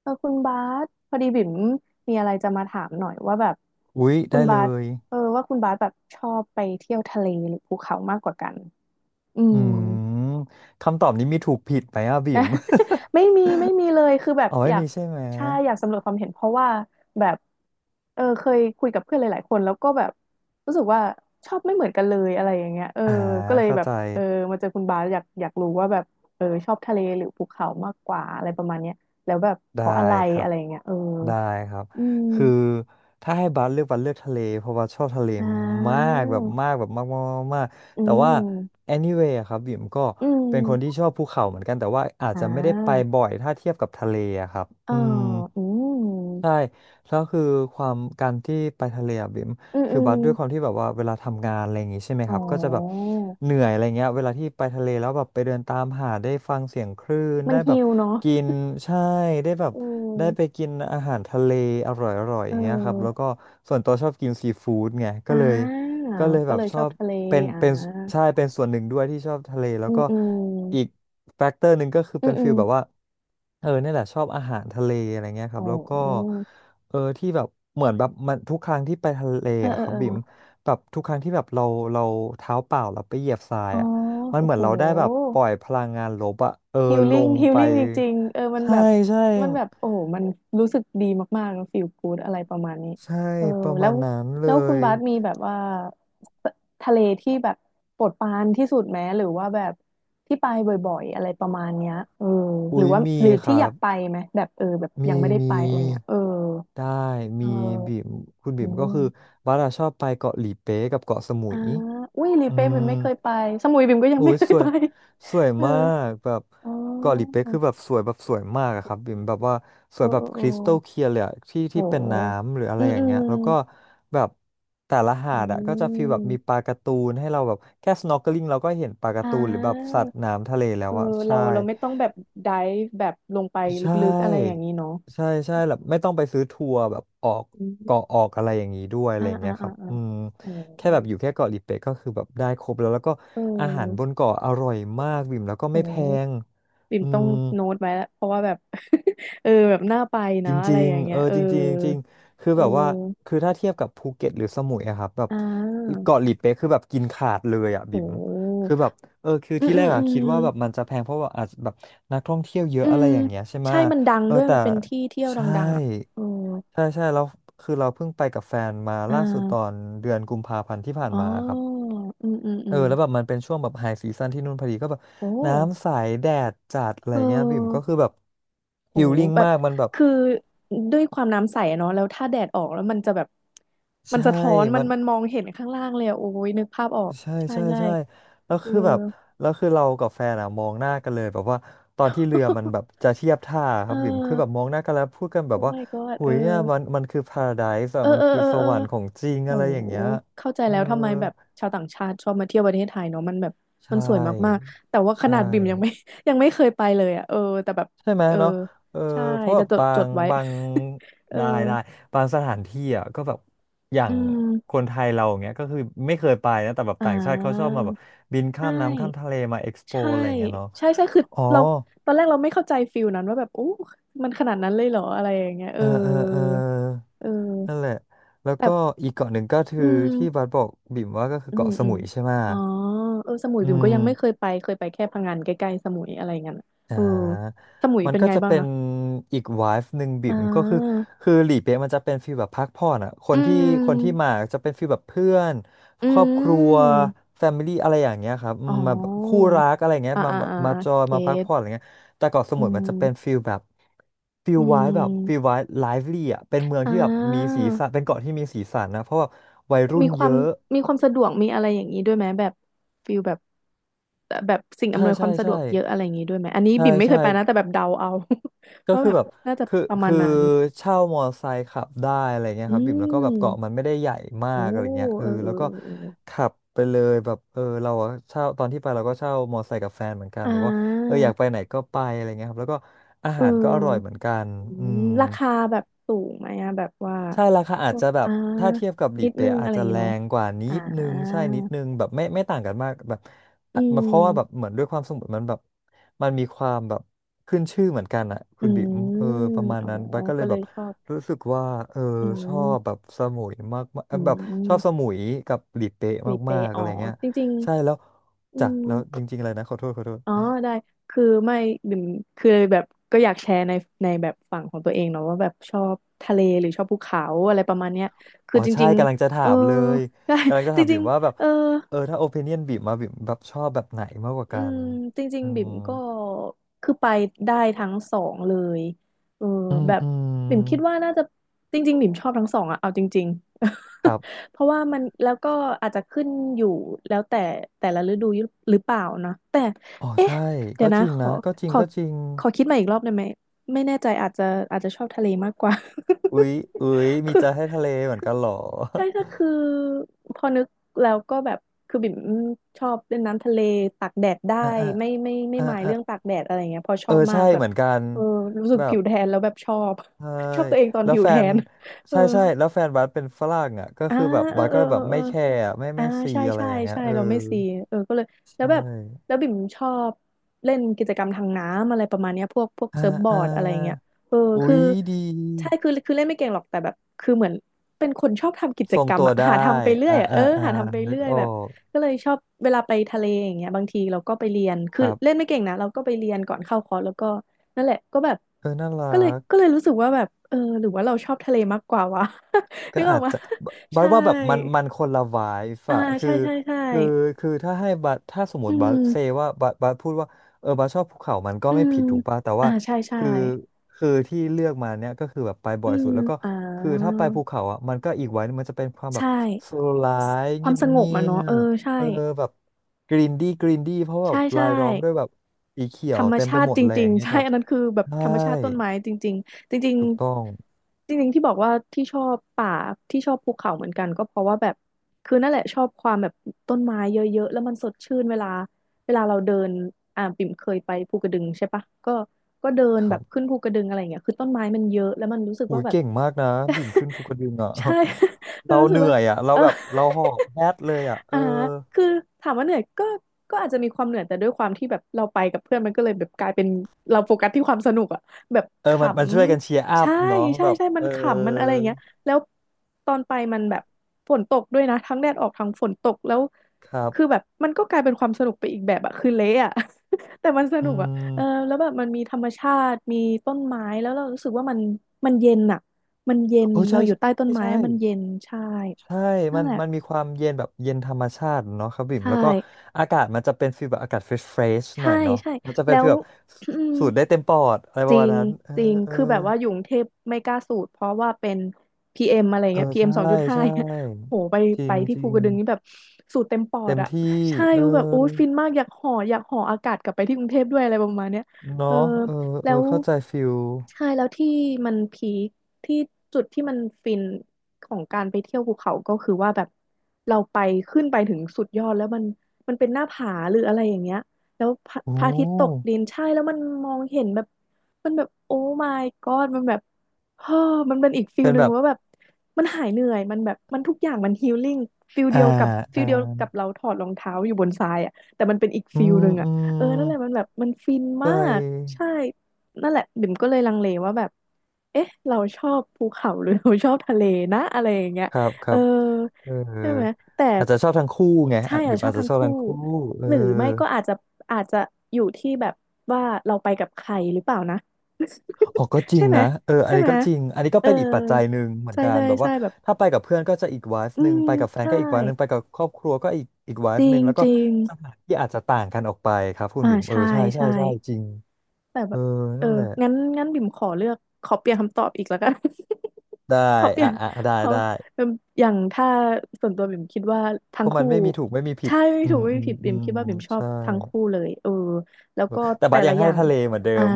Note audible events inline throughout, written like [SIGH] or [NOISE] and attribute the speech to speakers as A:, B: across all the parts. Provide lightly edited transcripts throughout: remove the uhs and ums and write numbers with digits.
A: เออคุณบาสพอดีบิ่มมีอะไรจะมาถามหน่อยว่าแบบ
B: อุ๊ย
A: คุ
B: ได้
A: ณ
B: เล
A: บาส
B: ย
A: ว่าคุณบาสแบบชอบไปเที่ยวทะเลหรือภูเขามากกว่ากันอื
B: อื
A: ม
B: มคำตอบนี้มีถูกผิดไหมอ่ะบิ่
A: นะ
B: ม
A: [LAUGHS] ไม่มีไม่มีเลยคือแบบ
B: [LAUGHS] อ๋อ
A: อ
B: ไม่
A: ยาก
B: มีใช่ไหม
A: ใช่อยากสำรวจความเห็นเพราะว่าแบบเคยคุยกับเพื่อนหลายๆคนแล้วก็แบบรู้สึกว่าชอบไม่เหมือนกันเลยอะไรอย่างเงี้ยเออ
B: อ่า
A: ก็เลย
B: เข้า
A: แบบ
B: ใจ
A: เออมาเจอคุณบาสอยากอยากรู้ว่าแบบเออชอบทะเลหรือภูเขามากกว่าอะไรประมาณเนี้ยแล้วแบบเพ
B: ได้
A: ราะอะไร
B: ครั
A: อะ
B: บ
A: ไรอย่างเงี้ยเออ
B: ได้ครับ
A: อืม
B: คือถ้าให้บัสเลือกบัสเลือกทะเลเพราะบัสชอบทะเล
A: อ่
B: มา
A: า
B: กแบบมากแบบมากมากมากมาก
A: อื
B: แต่ว่า
A: ม
B: anyway อะครับบิ่มก็
A: อื
B: เป็นคนที่
A: ม
B: ชอบภูเขาเหมือนกันแต่ว่าอาจ
A: อ่
B: จะไม่ได้ไป
A: า
B: บ่อยถ้าเทียบกับทะเลอะครับ
A: เอ่
B: อืม
A: อื
B: ใช่
A: ม
B: แล้วคือความการที่ไปทะเลอะบิ่ม
A: อืมอื
B: คือ
A: ม
B: บัสด้วยความที่แบบว่าเวลาทำงานอะไรอย่างงี้ใช่ไหม
A: อ๋
B: ค
A: อ
B: รับก็จะแบบเหนื่อยอะไรเงี้ยเวลาที่ไปทะเลแล้วแบบไปเดินตามหาดได้ฟังเสียงคลื่น
A: มัน
B: ได้แบ
A: หิ
B: บ
A: วเนาะ
B: กินใช่ได้แบบ
A: อื
B: ได้ไป
A: ม
B: กินอาหารทะเลอร่อยๆ
A: เ
B: อย่างเงี้ยครับแล้ว
A: ออ
B: ก็ส่วนตัวชอบกินซีฟู้ดไงก็
A: อ่
B: เลย
A: า
B: ก็เลย
A: ก็
B: แบ
A: เล
B: บ
A: ย
B: ช
A: ช
B: อ
A: อบ
B: บ
A: ทะเล
B: เป็น
A: อ่า
B: เป็นใช่เป็นส่วนหนึ่งด้วยที่ชอบทะเลแล้
A: อื
B: ว
A: ม
B: ก็
A: อื
B: อีก
A: ม
B: แฟกเตอร์หนึ่งก็คือ
A: อื
B: เป็
A: ม
B: น
A: อื
B: ฟิ
A: ม
B: ลแบบว่าเออนี่แหละชอบอาหารทะเลอะไรเงี้ยครั
A: อ๋
B: บแล้วก็
A: อ
B: เออที่แบบเหมือนแบบมันทุกครั้งที่ไปทะเล
A: เออ
B: อะ
A: เอ
B: ค
A: อ
B: รับ
A: เออ
B: บิ่มแบบทุกครั้งที่แบบเราเท้าเปล่าเราไปเหยียบทราย
A: อ๋อ
B: อะมัน
A: โอ้
B: เหมือ
A: โห
B: นเราได้แบบปล่อยพลังงานลบอะเออ
A: ฮิล
B: ล
A: ลิ่ง
B: ง
A: ฮิล
B: ไป
A: ลิ่งจริงๆเออมัน
B: ใช่
A: แบบ
B: ใช่
A: มันแบบโอ้โหมันรู้สึกดีมากๆแล้วฟีลกู๊ดอะไรประมาณนี้
B: ใช่
A: เออ
B: ประ
A: แล้
B: มา
A: ว
B: ณนั้น
A: แล้
B: เล
A: วคุณ
B: ย
A: บาสมีแบบว่าททะเลที่แบบโปรดปรานที่สุดไหมหรือว่าแบบที่ไปบ่อยๆอะไรประมาณเนี้ยเออห
B: อุ้
A: รือ
B: ย
A: ว่า
B: มี
A: หรือ
B: ค
A: ที่
B: รั
A: อยา
B: บ
A: กไปไหมแบบเออแบบ
B: มี
A: ยังไม่ได้
B: มี
A: ไปอะไรเงี้ยเออ
B: ได้
A: เอ
B: มีบิ่
A: อ
B: มคุณ
A: อื
B: บิ่มก็คือ
A: ม
B: บัสอะชอบไปเกาะหลีเป๊ะกับเกาะสมุ
A: อ่า
B: ย
A: อุ้ยลี
B: อื
A: เป้บิ
B: ม
A: มไม่เคยไปสมุยบิมก็ยัง
B: อุ้
A: ไม่
B: ย
A: เคย
B: สว
A: ไป
B: ยสวย
A: [LAUGHS] เออ
B: มากแบบ
A: อ๋อ
B: เกาะหลีเป๊ะคือแบบสวยแบบสวยมากอะครับบิ่มแบบว่าส
A: เอ
B: วย
A: อ
B: แบ
A: เอ
B: บ
A: อ
B: ค
A: เออ
B: ริสตัลเคลียร์เลยอะที่
A: โอ้
B: ที่เป็นน้ำหรืออะ
A: อื
B: ไร
A: ม
B: อย่า
A: อื
B: งเงี้
A: ม
B: ยแล้วก็แบบแต่ละหา
A: อื
B: ดอะก็จะฟีลแบบมีปลา
A: ม
B: การ์ตูนให้เราแบบแค่ snorkeling เราก็เห็นปลากา
A: อ่
B: ร์ตูนหรือแบบ
A: า
B: สัตว์น้ำทะเล
A: เอ
B: แล้ว
A: อ
B: อะ
A: เรา
B: ใช่
A: เราไม่ต้องแบบ dive แบบลงไปล
B: ใช
A: ึกๆอะไรอย่าง
B: ่
A: นี้เนาะ
B: ใช่ใช่แบบไม่ต้องไปซื้อทัวร์แบบออก
A: อื
B: เกาะ
A: ม
B: ออกอะไรอย่างนี้ด้วยอะ
A: อ่า
B: ไรอย่าง
A: อ่า
B: เงี้ยค
A: อ่า
B: รับ
A: อ่า
B: อืม
A: โอ้
B: แค่แบบอยู่แค่เกาะลิเป๊ะก็คือแบบได้ครบแล้วแล้วก็
A: เอ
B: อาหารบ
A: อ
B: นเกาะอร่อยมากบิ่มแล้วก็
A: โอ
B: ไม่แพ
A: ้
B: ง
A: ปิ่ม
B: อื
A: ต้อง
B: ม
A: โน้ตไว้ละเพราะว่าแบบ [LAUGHS] เออแบบน่าไป
B: จ
A: นะอะไร
B: ริง
A: อย่าง
B: ๆ
A: เงี้
B: เอ
A: ย
B: อ
A: เออ
B: จริงๆจริงๆคือ
A: เ
B: แบบว่า
A: ออ
B: คือถ้าเทียบกับภูเก็ตหรือสมุยอะครับแบบ
A: อ่า
B: เกาะหลิเป๊ะคือแบบกินขาดเลยอะบิ่
A: โอ้
B: มคือแบบเออคือ
A: อืม
B: ที่
A: อื
B: แร
A: ม
B: ก
A: อื
B: อะคิด
A: ม
B: ว่าแบบมันจะแพงเพราะว่าอาจจะแบบนักท่องเที่ยวเย
A: อื
B: อะอะไร
A: ม
B: อย่างเงี้ยใช่ไห
A: ใช่
B: มะ
A: มันดัง
B: เออ
A: ด้วย
B: แต่
A: มันเป็นที่เที่ยว
B: ใช่
A: ดังๆอ่ะเออ
B: ใช่ใช่แล้วคือเราเพิ่งไปกับแฟนมา
A: อ่
B: ล่าสุดตอ
A: า
B: นเดือนกุมภาพันธ์ที่ผ่าน
A: อ๋
B: มาครับ
A: ออืมอืมอื
B: เออ
A: ม
B: แล้วแบบมันเป็นช่วงแบบไฮซีซันที่นู่นพอดีก็แบบ
A: โอ้
B: น้ำใสแดดจัดอะไร
A: เอ
B: เงี้ยบิ่มก็
A: อ
B: คือแบบ
A: โห
B: ฮิลลิ่ง
A: แบบ
B: มากมันแบบ
A: คือด้วยความน้ำใสอะเนาะแล้วถ้าแดดออกแล้วมันจะแบบมัน
B: ใช่
A: สะท้อนมัน
B: มัน
A: มันมองเห็นข้างล่างเลยอะโอ้ยนึกภาพออก
B: ใช่
A: ใช่
B: ใช่
A: ใช่
B: ใช่แล้ว
A: เออ
B: คือแบบแล้วคือเรากับแฟนอะมองหน้ากันเลยแบบว่าตอนที่เรือมันแบบ
A: [LAUGHS]
B: จะเทียบท่าค
A: เอ
B: รับบิ่มคือแบบ
A: อ
B: มองหน้ากันแล้วพูดกันแบ
A: โอ้
B: บว่า
A: my god
B: หุ
A: เออ
B: ยอะมันคือพาราไดส์
A: เอ
B: อะ
A: อ
B: มัน
A: เออ
B: คือ
A: เออ
B: ส
A: เออ
B: วรรค์ของจริง
A: โห
B: อะไรอย่างเงี้ย
A: เข้าใจ
B: เออ
A: แล้วทำไมแบบชาวต่างชาติชอบมาเที่ยวประเทศไทยเนาะมันแบบ
B: ใช
A: มันสวยมาก
B: ่
A: ๆแต่ว่าข
B: ใช่
A: นาดบิ่มยังไม่ [LAUGHS] ยังไม่เคยไปเลยอะเออแต่แบบ
B: ใช่ไหม
A: เออ
B: เนาะเออ
A: ใช่
B: เพราะแบ
A: จะ
B: บ
A: จด
B: บา
A: จด
B: ง
A: ไว้
B: บาง
A: [LAUGHS] เออ
B: ได้ได้บางสถานที่อ่ะก็แบบอย่า
A: อื
B: งค
A: ม
B: นไทยเราอย่างเงี้ยก็คือไม่เคยไปนะแต่แบบ
A: อ่
B: ต่างชาติเขาชอบ
A: า
B: มาแบบบิน
A: ใช
B: ข้ามน้ำข้ามทะ
A: ่
B: เลมาเอ็กซ์โป
A: ใช่
B: อะไรอย่างเงี้ยเนาะ
A: ใช่ใช่คือ
B: อ๋อ
A: เราตอนแรกเราไม่เข้าใจฟิลนั้นว่าแบบโอ้มันขนาดนั้นเลยเหรออะไรอย่างเงี้ยเอ
B: เอ
A: อ
B: อเออเออ
A: เออ
B: นั่นแหละแล้ว
A: แต่
B: ก็อีกเกาะหนึ่งก็คื
A: อื
B: อ
A: ม
B: ที่บัสบอกบิ่มว่าก็คือ
A: อืม
B: เกาะส
A: อืม
B: มุยใช่ไหม
A: อ๋อเออสมุย
B: อื
A: บิ่มก็
B: ม
A: ยังไม่เคยไปเคยไปแค่พังงานใกล้ๆสมุยอะไรเงี้ยน่ะ
B: อ่
A: เออ
B: า
A: สมุย
B: มัน
A: เป็น
B: ก็
A: ไง
B: จะ
A: บ้าง
B: เป็น
A: คะ
B: อีกไวฟ์หนึ่ง
A: อ่
B: บิ่มก็คือ
A: า
B: คือหลีเป๊ะมันจะเป็นฟีลแบบพักผ่อนอ่ะค
A: อื
B: นที่คนที่
A: ม
B: มาจะเป็นฟีลแบบเพื่อน
A: อื
B: ครอบครัว
A: ม
B: แฟมิลี่อะไรอย่างเงี้ยครับอื
A: อ๋
B: มมาแบบคู่
A: อ
B: รักอะไรเงี้ย
A: อ่า
B: มา
A: อ่า
B: แบบ
A: อ
B: มา
A: ่า
B: จอย
A: เก
B: มาพัก
A: ต
B: ผ่อนอะไรเงี้ยแต่เกาะส
A: อื
B: มุยมันจะเป็
A: ม
B: นฟีลแบบฟี
A: อื
B: ลไวฟ์แบบฟีล
A: ม
B: ไวฟ์ไลฟ์ลี่อ่ะเป็นเมือง
A: อ่
B: ที่แบบมีสีสัน
A: า
B: เป็นเกาะที่มีสีสันนะเพราะแบบวัยรุ่
A: มี
B: น
A: ค
B: เย
A: วาม
B: อะ
A: มีความสะดวกมีอะไรอย่างนี้ด้วยไหมแบบฟิลแบบแบบสิ่ง
B: ใช่
A: อำนวยค
B: ใช่
A: วามสะด
B: ใช่
A: วกเยอะอะไรอย่างนี้ด้วยไหมอันนี้
B: ใช่
A: บิ่มไม่เค
B: ใช่
A: ยไปนะแต่แบบเดาเอา [LAUGHS]
B: ก็
A: ว่า
B: คือ
A: แบบ
B: แบบ
A: น่าจะ
B: คือ
A: ประมาณ
B: คือ
A: นั้น
B: เช่ามอไซค์ขับได้อะไรเงี้ย
A: อื
B: ครับบิ่มแล้วก็แบบเกาะ
A: ม
B: มันไม่ได้ใหญ่มา
A: โอ้
B: กอะไรเงี้ยเอ
A: เอ
B: อ
A: อเอ
B: แล้
A: อ
B: วก็
A: เออ
B: ขับไปเลยแบบเออเราอะเช่าตอนที่ไปเราก็เช่ามอไซค์กับแฟนเหมือนกัน
A: อ่
B: แบบว่าเออ
A: า
B: อยากไปไหนก็ไปอะไรเงี้ยครับแล้วก็อา
A: เอ
B: หารก็อร่อยเห
A: อ
B: มือนกัน
A: อื
B: อื
A: ม
B: ม
A: ราคาแบบสูงไหมอะแบบว่า
B: ใช่ราคา
A: พ
B: อาจ
A: วก
B: จะแบบ
A: อ่า
B: ถ้าเทียบกับหลี
A: นิดนึ
B: เป๊ะ
A: งอะ
B: อาจ
A: ไรอ
B: จะ
A: ย่างงี้
B: แร
A: เนาะ
B: งกว่านิ
A: อ่า
B: ดนึงใช่นิดนึงแบบไม่ต่างกันมากแบบ
A: อื
B: อ่ะมันเพราะว่าแบบ
A: ม
B: เหมือนด้วยความสมุดมันแบบมันมีความแบบขึ้นชื่อเหมือนกันอ่ะ
A: อื
B: คุณบิ๋ม
A: ม
B: เออประมาณ
A: อ๋อ
B: นั้นบัสก็เล
A: ก็
B: ย
A: เล
B: แบ
A: ย
B: บ
A: ชอบ
B: รู้สึกว่าเออ
A: อื
B: ชอบแบ
A: ม
B: บสมุยมากๆ
A: อื
B: แบบชอบส
A: ม
B: มุยกับหลีเป๊ะ
A: หลี
B: มา
A: เป๊ะ
B: กๆ
A: อ๋
B: อะ
A: อ
B: ไรเงี้ย
A: จริง
B: ใช่แล้ว
A: ๆอื
B: จ้ะ
A: ม
B: แล้วจริงๆเลยนะขอโทษขอโทษ
A: อ๋อได้คือไม่บิ่มคือแบบก็อยากแชร์ในในแบบฝั่งของตัวเองเนาะว่าแบบชอบทะเลหรือชอบภูเขาอะไรประมาณเนี้ยคื
B: อ๋
A: อ
B: อ
A: จ
B: ใช่
A: ริง
B: กำลังจะ
A: ๆ
B: ถา
A: เออ
B: มเลย
A: ได้
B: กำลังจะ
A: [LAUGHS] จ
B: ถาม
A: ริ
B: บิ่
A: ง
B: มว่าแบบ
A: ๆเออ
B: เออถ้าโอ i ิเนียนบิ่มมาบิ่มแบบชอบแบบไหนมากกว่า
A: อื
B: กั
A: ม
B: น
A: จริง
B: อื
A: ๆบิ่
B: ม
A: มก็คือไปได้ทั้งสองเลยเออ
B: อืม
A: แบบ
B: อืม
A: บิ่มคิดว่าน่าจะจริงๆบิ่มชอบทั้งสองอะเอาจริงๆ
B: ครับ
A: [LAUGHS] เพราะว่ามันแล้วก็อาจจะขึ้นอยู่แล้วแต่แต่ละฤดูหรือเปล่านะแต่
B: อ๋อ
A: เอ๊ะ
B: ใช่
A: เดี๋ย
B: ก็
A: วนะ
B: จริง
A: ขอ
B: นะก็จริ
A: ข
B: ง
A: อ
B: ก็จริง
A: ขอคิดมาอีกรอบได้ไหมไม่แน่ใจอาจจะอาจจะชอบทะเลมากกว่า
B: อุ๊ยอุ๊ย
A: [LAUGHS]
B: มี
A: คือ
B: ใจให้ทะเลเหมือนกันเหรอ
A: ใช่ก็คือพอนึกแล้วก็แบบคือบิ่มชอบเล่นน้ำทะเลตากแดดได้
B: [LAUGHS] อ่ะอ่ะ
A: ไม่
B: อ่ะ
A: หมาย
B: อ่ะ
A: เรื่องตากแดดอะไรเงี้ยเพอช
B: เอ
A: อ
B: อ
A: บมา
B: ใช่
A: กแบ
B: เห
A: บ
B: มือนกัน
A: เออรู้สึก
B: แบ
A: ผิ
B: บ
A: วแทนแล้วแบบชอบ
B: ใช่
A: [LAUGHS] ชอบตัวเองตอน
B: แล้ว
A: ผิว
B: แฟ
A: แท
B: น
A: นเออ
B: ใช่ใช่แล้วแฟนบัสเป็นฝรั่งอ่ะก็
A: อ่า
B: คือแบบ
A: เออ
B: บัส
A: เอ
B: ก็
A: อ
B: แบบ
A: เอ
B: ไม่
A: อ
B: แคร์อะไม่
A: เออ อ่า
B: ไม่ซี
A: ใช่
B: อะไร
A: ใช่
B: อย่างเงี้ย
A: ใช่
B: เออ
A: เราไม่ซีเออก็เลยแล้ว
B: ใช่
A: แบบแล้วบิ่มชอบเล่นกิจกรรมทางน้ำอะไรประมาณเนี้ยพวก
B: อ่า
A: เซิร์ฟบอ
B: อ่า
A: ร์ดอะไรเงี้ยเออ
B: อุ๊
A: คือ
B: ยดี
A: ใช่คือเล่นไม่เก่งหรอกแต่แบบคือเหมือนเป็นคนชอบทำกิจ
B: ทรง
A: กรรม
B: ตัว
A: อะ
B: ได้
A: หาทำไปเรื่อ
B: อ่า
A: ยอะเอ
B: อ่า
A: อ
B: อ่า
A: หาทำไป
B: นึก
A: เรื่อย
B: ออ
A: แบบ
B: ก
A: ก็เลยชอบเวลาไปทะเลอย่างเงี้ยบางทีเราก็ไปเรียน
B: ค
A: คือ
B: รั
A: เล่น
B: บ
A: ไม่เก่งนะเราก็ไปเรียนก่อนเข้าคอร์สแล้วก็นั่นแหละก็แบบ
B: เออน่ารั
A: ก็เลย
B: ก
A: ก็เลยรู้สึกว่าแบบเออหรือว่าเราชอบทะเลมากกว่าวะ [LAUGHS]
B: ก็
A: นึกออ
B: อา
A: ก
B: จ
A: มา
B: จะบบัส
A: ใช่
B: ว่าแบบมันมันคนละไวฟ์
A: อ่า
B: อะ
A: ใช่ใช่ใช่
B: คือคือถ้าให้บัสถ้าสมม
A: อื
B: ติบัสเซ
A: ม
B: ว่าบัสพูดว่าเออบัสชอบภูเขามันก็
A: อื
B: ไม่
A: ม
B: ผิดถูกป่ะแต่
A: อ่า
B: ว่า
A: ใช่ใช่
B: คือคือที่เลือกมาเนี้ยก็คือแบบไปบ่
A: อื
B: อยสุ
A: ม
B: ดแล้วก็
A: อ่
B: คือถ้า
A: า
B: ไปภูเขาอ่ะมันก็อีกไว้ มันจะเป็นความแบ
A: ใช่
B: บสโลไลฟ์
A: ควา
B: เงี
A: ม
B: ยบ
A: สง
B: เงี
A: บอ่ะ
B: ย
A: เนาะเอ
B: บ
A: อใช่
B: เออแบบกรีนดี้กรีนดี้เพราะแบ
A: ใช่
B: บ
A: ใช่
B: รายล้อมด้วยแบบสีเขีย
A: ธร
B: ว
A: รม
B: เต็ม
A: ชา
B: ไป
A: ติ
B: หมด
A: จ
B: เลย
A: ริ
B: อ
A: ง
B: ย่าง
A: ๆ [LAUGHS]
B: เงี้ย
A: ใช่
B: ครับ
A: อันนั้นคือแบบ
B: ใช่
A: ธรรมชาติต้นไม้จริงๆจริง
B: ถูกต้อง
A: ๆจริงๆที่บอกว่าที่ชอบป่าที่ชอบภูเขาเหมือนกันก็เพราะว่าแบบคือนั่นแหละชอบความแบบต้นไม้เยอะๆแล้วมันสดชื่นเวลาเราเดินปิ่มเคยไปภูกระดึงใช่ปะก็เดิน
B: ค
A: แบ
B: รั
A: บ
B: บ
A: ขึ้นภูกระดึงอะไรอย่างเงี้ยคือต้นไม้มันเยอะแล้วมันรู้สึก
B: หู
A: ว่า
B: ย
A: แบบ
B: เก่งมากนะบิ่มขึ้นภูก
A: [LAUGHS]
B: ระดึงอ่ะ
A: ใช่
B: [LAUGHS] เรา
A: [LAUGHS] รู้
B: เห
A: สึก
B: นื่
A: ว่า
B: อยอ่ะเรา
A: เออ
B: แบบเราหอบแฮดเลยอ่ะ
A: [LAUGHS]
B: เอ
A: อ่า
B: อ
A: คือถามว่าเหนื่อยก็อาจจะมีความเหนื่อยแต่ด้วยความที่แบบเราไปกับเพื่อนมันก็เลยแบบกลายเป็นเราโฟกัสที่ความสนุกอะแบบ
B: เอ
A: ข
B: อมันช่วยกันเชียร์อั
A: ำ
B: พ
A: ใช่
B: เนาะ
A: ใช่
B: แบบ
A: ใช่มั
B: เอ
A: น
B: อ
A: ขำมันอะไรอย่างเงี้ยแล้วตอนไปมันแบบฝนตกด้วยนะทั้งแดดออกทั้งฝนตกแล้ว
B: ครั
A: คือแบ
B: บ
A: บมันก็กลายเป็นความสนุกไปอีกแบบอะคือเละอะ [LAUGHS] แต่มันส
B: อื
A: นุกอะเออ
B: ม
A: แล้วแบบมันมีธรรมชาติมีต้นไม้แล้วเรารู้สึกว่ามันเย็นอะมันเย็น
B: โอ้
A: เรา
B: ใช่
A: อยู่
B: ใช
A: ใต้ต้น
B: ่
A: ไม้
B: ใช่
A: มันเย็นใช่
B: ใช่ใช่
A: นั่
B: มั
A: น
B: น
A: แหละ
B: มันมีความเย็นแบบเย็นธรรมชาติเนาะครับบิ่
A: ใช
B: มแล้วก็
A: ่
B: อากาศมันจะเป็นฟีลแบบอากาศเฟรชเฟรชห
A: ใช่
B: น่อยเนาะ
A: ใช่
B: มันจะเป็
A: แล้
B: นฟี
A: ว
B: ลแบบ
A: อืม
B: สูดได้เต็มปอดอะไรป
A: จ
B: ระ
A: ริ
B: มาณ
A: ง
B: นั้นเออ
A: จริง
B: เออ
A: คือแบบว่าอยู่กรุงเทพไม่กล้าสูดเพราะว่าเป็นพีเอ็มอะไร
B: เออ
A: เงี้ยพีเอ็ม
B: ใช่
A: สองจุดห้า
B: ใช่
A: โหไป
B: จริ
A: ไป
B: ง
A: ที่
B: จ
A: ภู
B: ริง
A: กระดึงนี่แบบสูดเต็มปอ
B: เต็
A: ด
B: ม
A: อะ
B: ที่
A: ใช่
B: เออ
A: คือแบบโอ้ยฟินมากอยากห่ออากาศกลับไปที่กรุงเทพด้วยอะไรประมาณเนี้ยเอ
B: เนาะ
A: อ
B: เออ
A: แล้
B: เออ
A: ว
B: เข้าใจฟิล
A: ใช่แล้วที่มันพีคที่จุดที่มันฟินของการไปเที่ยวภูเขาก็คือว่าแบบเราไปขึ้นไปถึงสุดยอดแล้วมันเป็นหน้าผาหรืออะไรอย่างเงี้ย แล้วพระ
B: โอ้
A: พระอาทิตย์ตกดินใช่แล้วมันมองเห็นแบบมันแบบโอ้ my god มันแบบเฮ้อมันเป็นอีกฟิล
B: เป็น
A: หนึ่
B: แบ
A: ง
B: บ
A: ว่าแบบมันหายเหนื่อยมันแบบมันทุกอย่างมันฮีลลิ่งฟิล
B: อ่า
A: เดียวกับฟิ
B: อ่า
A: ลเดียวกับเราถอดรองเท้าอยู่บนทรายอ่ะแต่มันเป็นอีก
B: อื
A: ฟิล
B: ม
A: หนึ่ง
B: อื
A: อ่ะเออนั่นแหละมั
B: ม
A: นแบบมันฟิน
B: ใช
A: มาก
B: ่
A: ใช่นั่นแหละบิ่มก็เลยลังเลว่าแบบเอ๊ะเราชอบภูเขาหรือ [LAUGHS] เราชอบทะเลนะอะไรอย่างเงี้ย
B: ครับค
A: เอ
B: รั
A: อ
B: บเออ
A: ใช่ไหมแต่
B: อาจจะชอบทั้งคู่ไง
A: ใช่
B: อ่ะ
A: อ่ะ
B: บิม
A: ชอ
B: อา
A: บ
B: จจะ
A: ทั้ง
B: ชอบ
A: คู่
B: ทั้งคู่เออ
A: หรือไม่ก็อาจจะอยู่ที่แบบว่าเราไปกับใครหรือเปล่านะ
B: อ๋อก็จริ
A: ใช่
B: ง
A: ไหม
B: นะเอออั
A: ใช่
B: นนี้
A: ไหม
B: ก็จริงอันนี้ก็
A: เออ
B: เป็นอีกปัจจัยหนึ่งเหมือน
A: ใช่
B: กัน
A: ใช่
B: แบบ
A: ใช่
B: ว่า
A: แบบ
B: ถ้าไปกับเพื่อนก็จะอีกไวฟ์
A: อื
B: หนึ่ง
A: ม
B: ไปกับแฟน
A: ใช่
B: ก็อีกไวฟ์หนึ่งไปกับครอบครัวก็อีกไว
A: จ
B: ฟ์
A: ริ
B: หนึ่ง
A: ง
B: แล้วก็
A: จริง
B: สถานที่อาจจะต่างกันออกไปครับคุณ
A: อ่า
B: บิมเออ
A: ใช่
B: ใช่ใช่
A: ใช่
B: ใช่จริง
A: แต่
B: เอ
A: แบ
B: อ
A: บเออ
B: นั่นแหละ
A: งั้นงั้นบิ่มขอเลือกขอเปลี่ยนคำตอบอีกแล้วกัน
B: ได้
A: [LAUGHS] ขอเปลี่ย
B: อ่ะ
A: น
B: อ่ะได้
A: ขอ
B: ได้
A: เอิ่มอย่างถ้าส่วนตัวบิ่มคิดว่า
B: เพ
A: ทั้ง
B: ราะมัน
A: คู่
B: ไม่มีถูกไม่มีผิด
A: ใช่ไม่
B: อื
A: ถูก
B: ม
A: ไม่
B: อืม
A: ผิด
B: อื
A: บิ่ม
B: ม
A: คิดว่าบิ่มชอบ
B: ใช่
A: ทั้งคู่เลยเออแล้วก็
B: แต่
A: แต่
B: บัส
A: ละ
B: ยัง
A: อ
B: ให้
A: ย่าง
B: ทะเลเหมือนเดิ
A: อ่า
B: ม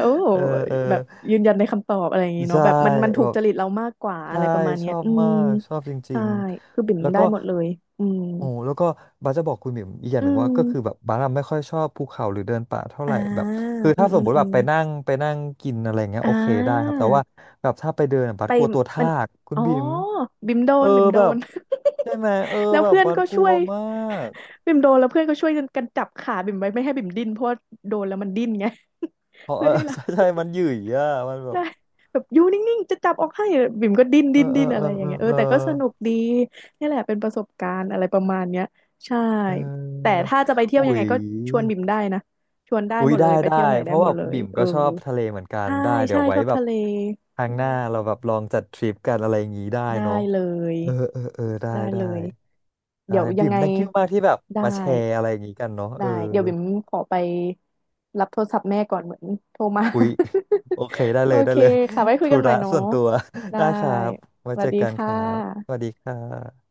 A: โอ้
B: เออเออ
A: แบบยืนยันในคำตอบอะไรอย่างงี้เนาะ
B: ใช่
A: แบบมันถู
B: แบ
A: ก
B: บ
A: จริตเรามากกว่าอะ
B: ใช่
A: ไรประมาณ
B: ช
A: เนี้ย
B: อบ
A: อื
B: มา
A: ม
B: กชอบจริ
A: ใช่
B: ง
A: คือบิ่
B: ๆ
A: ม
B: แล้ว
A: ได้
B: ก็
A: หมดเลยอืม
B: โอ้แล้วก็บัสจะบอกคุณบิ่มอีกอย่าง
A: อื
B: หนึ่งว่าก็คือแบ
A: ม
B: บบัสอะไม่ค่อยชอบภูเขาหรือเดินป่าเท่าไห
A: อ่า
B: ร่แบบคือ
A: อื
B: ถ้า
A: ม
B: ส
A: อื
B: ม
A: ม
B: มติ
A: อื
B: แบบ
A: ม
B: ไปนั่งกินอะไรเงี้ย
A: อ่
B: โอเคได้ค
A: า
B: รับแต่ว่าแบบถ้าไปเดินอะบั
A: ไป
B: สกลัวตัว
A: มั
B: ทา
A: น
B: กคุณ
A: อ๋อ
B: บิ่ม
A: บิมโด
B: เออ
A: นบิมโด
B: แบบ
A: น
B: ใช่ไหมเออ
A: [LAUGHS] แล้ว
B: แบบ
A: เพื่อน
B: บัส
A: ก็
B: กลั
A: ช่ว
B: ว
A: ย
B: มาก
A: บิมโดนแล้วเพื่อนก็ช่วยกันจับขาบิมไว้ไม่ให้บิมดิ้นเพราะว่าโดนแล้วมันดิ้นไง
B: เพ
A: [LAUGHS]
B: ราะเอ
A: เพื่อ
B: อ
A: ให้
B: [LAUGHS]
A: เรา
B: ใช่ใช่มันหยุ่ยอ่ะมัน
A: [LAUGHS]
B: แบบ
A: ได้แบบอยู่นิ่งๆจะจับออกให้บิ่มก็ดิ้น
B: เอ
A: ดิ้
B: อ
A: น
B: เอ
A: ดิ้
B: อ
A: นอะ
B: เอ
A: ไร
B: อ
A: อย่า
B: เอ
A: ง
B: อ
A: เงี้ยเออ
B: เออ
A: แต่ก็สนุกดีนี่แหละเป็นประสบการณ์อะไรประมาณเนี้ยใช่
B: เ
A: แต่
B: ออ
A: ถ้าจะไปเที่ยว
B: อุ๊
A: ยังไง
B: ย
A: ก็ชวนบิ่มได้นะชวนได้
B: อุ๊
A: ห
B: ย
A: มดเล
B: ได้
A: ยไป
B: ได้
A: เที่ยวไหน
B: เพ
A: ได้
B: ราะ
A: ห
B: ว
A: มด
B: บา
A: เลย
B: บิ่ม
A: เออ
B: ก็ชอบทะเลเหมือนกัน
A: ใช่
B: ได้เดี๋
A: ใช่
B: ยว
A: ช
B: ไว้
A: อบ
B: แบ
A: ทะ
B: บ
A: เล
B: ครั้
A: อื
B: งหน้า
A: ม
B: เราแบบลองจัดทริปกันอะไรอย่างงี้ได้
A: ได้
B: เนาะ
A: เลย
B: เออเออเออได้
A: ได้
B: ได้
A: เลย
B: ได้
A: เดี๋ยวยั
B: บิ่
A: ง
B: ม
A: ไง
B: thank you มากที่แบบ
A: ได้
B: มาแชร์อะไรอย่างงี้กันเนาะเอ
A: ได้
B: อ
A: เดี๋ยวบิ่มขอไปรับโทรศัพท์แม่ก่อนเหมือนโทรมา
B: อุ๊ยโอเคได้
A: [LAUGHS] โอ
B: เลยได้
A: เค
B: เลย
A: ค่ะไว้
B: [LAUGHS]
A: คุย
B: ธุ
A: กันใหม่
B: ระ
A: เนาะ
B: ส่วนตัว [LAUGHS]
A: ได้
B: ได้ครับไว้
A: สวั
B: เจ
A: ส
B: อ
A: ดี
B: กันค
A: ค่
B: รับสวั
A: ะ
B: สดีค่ะ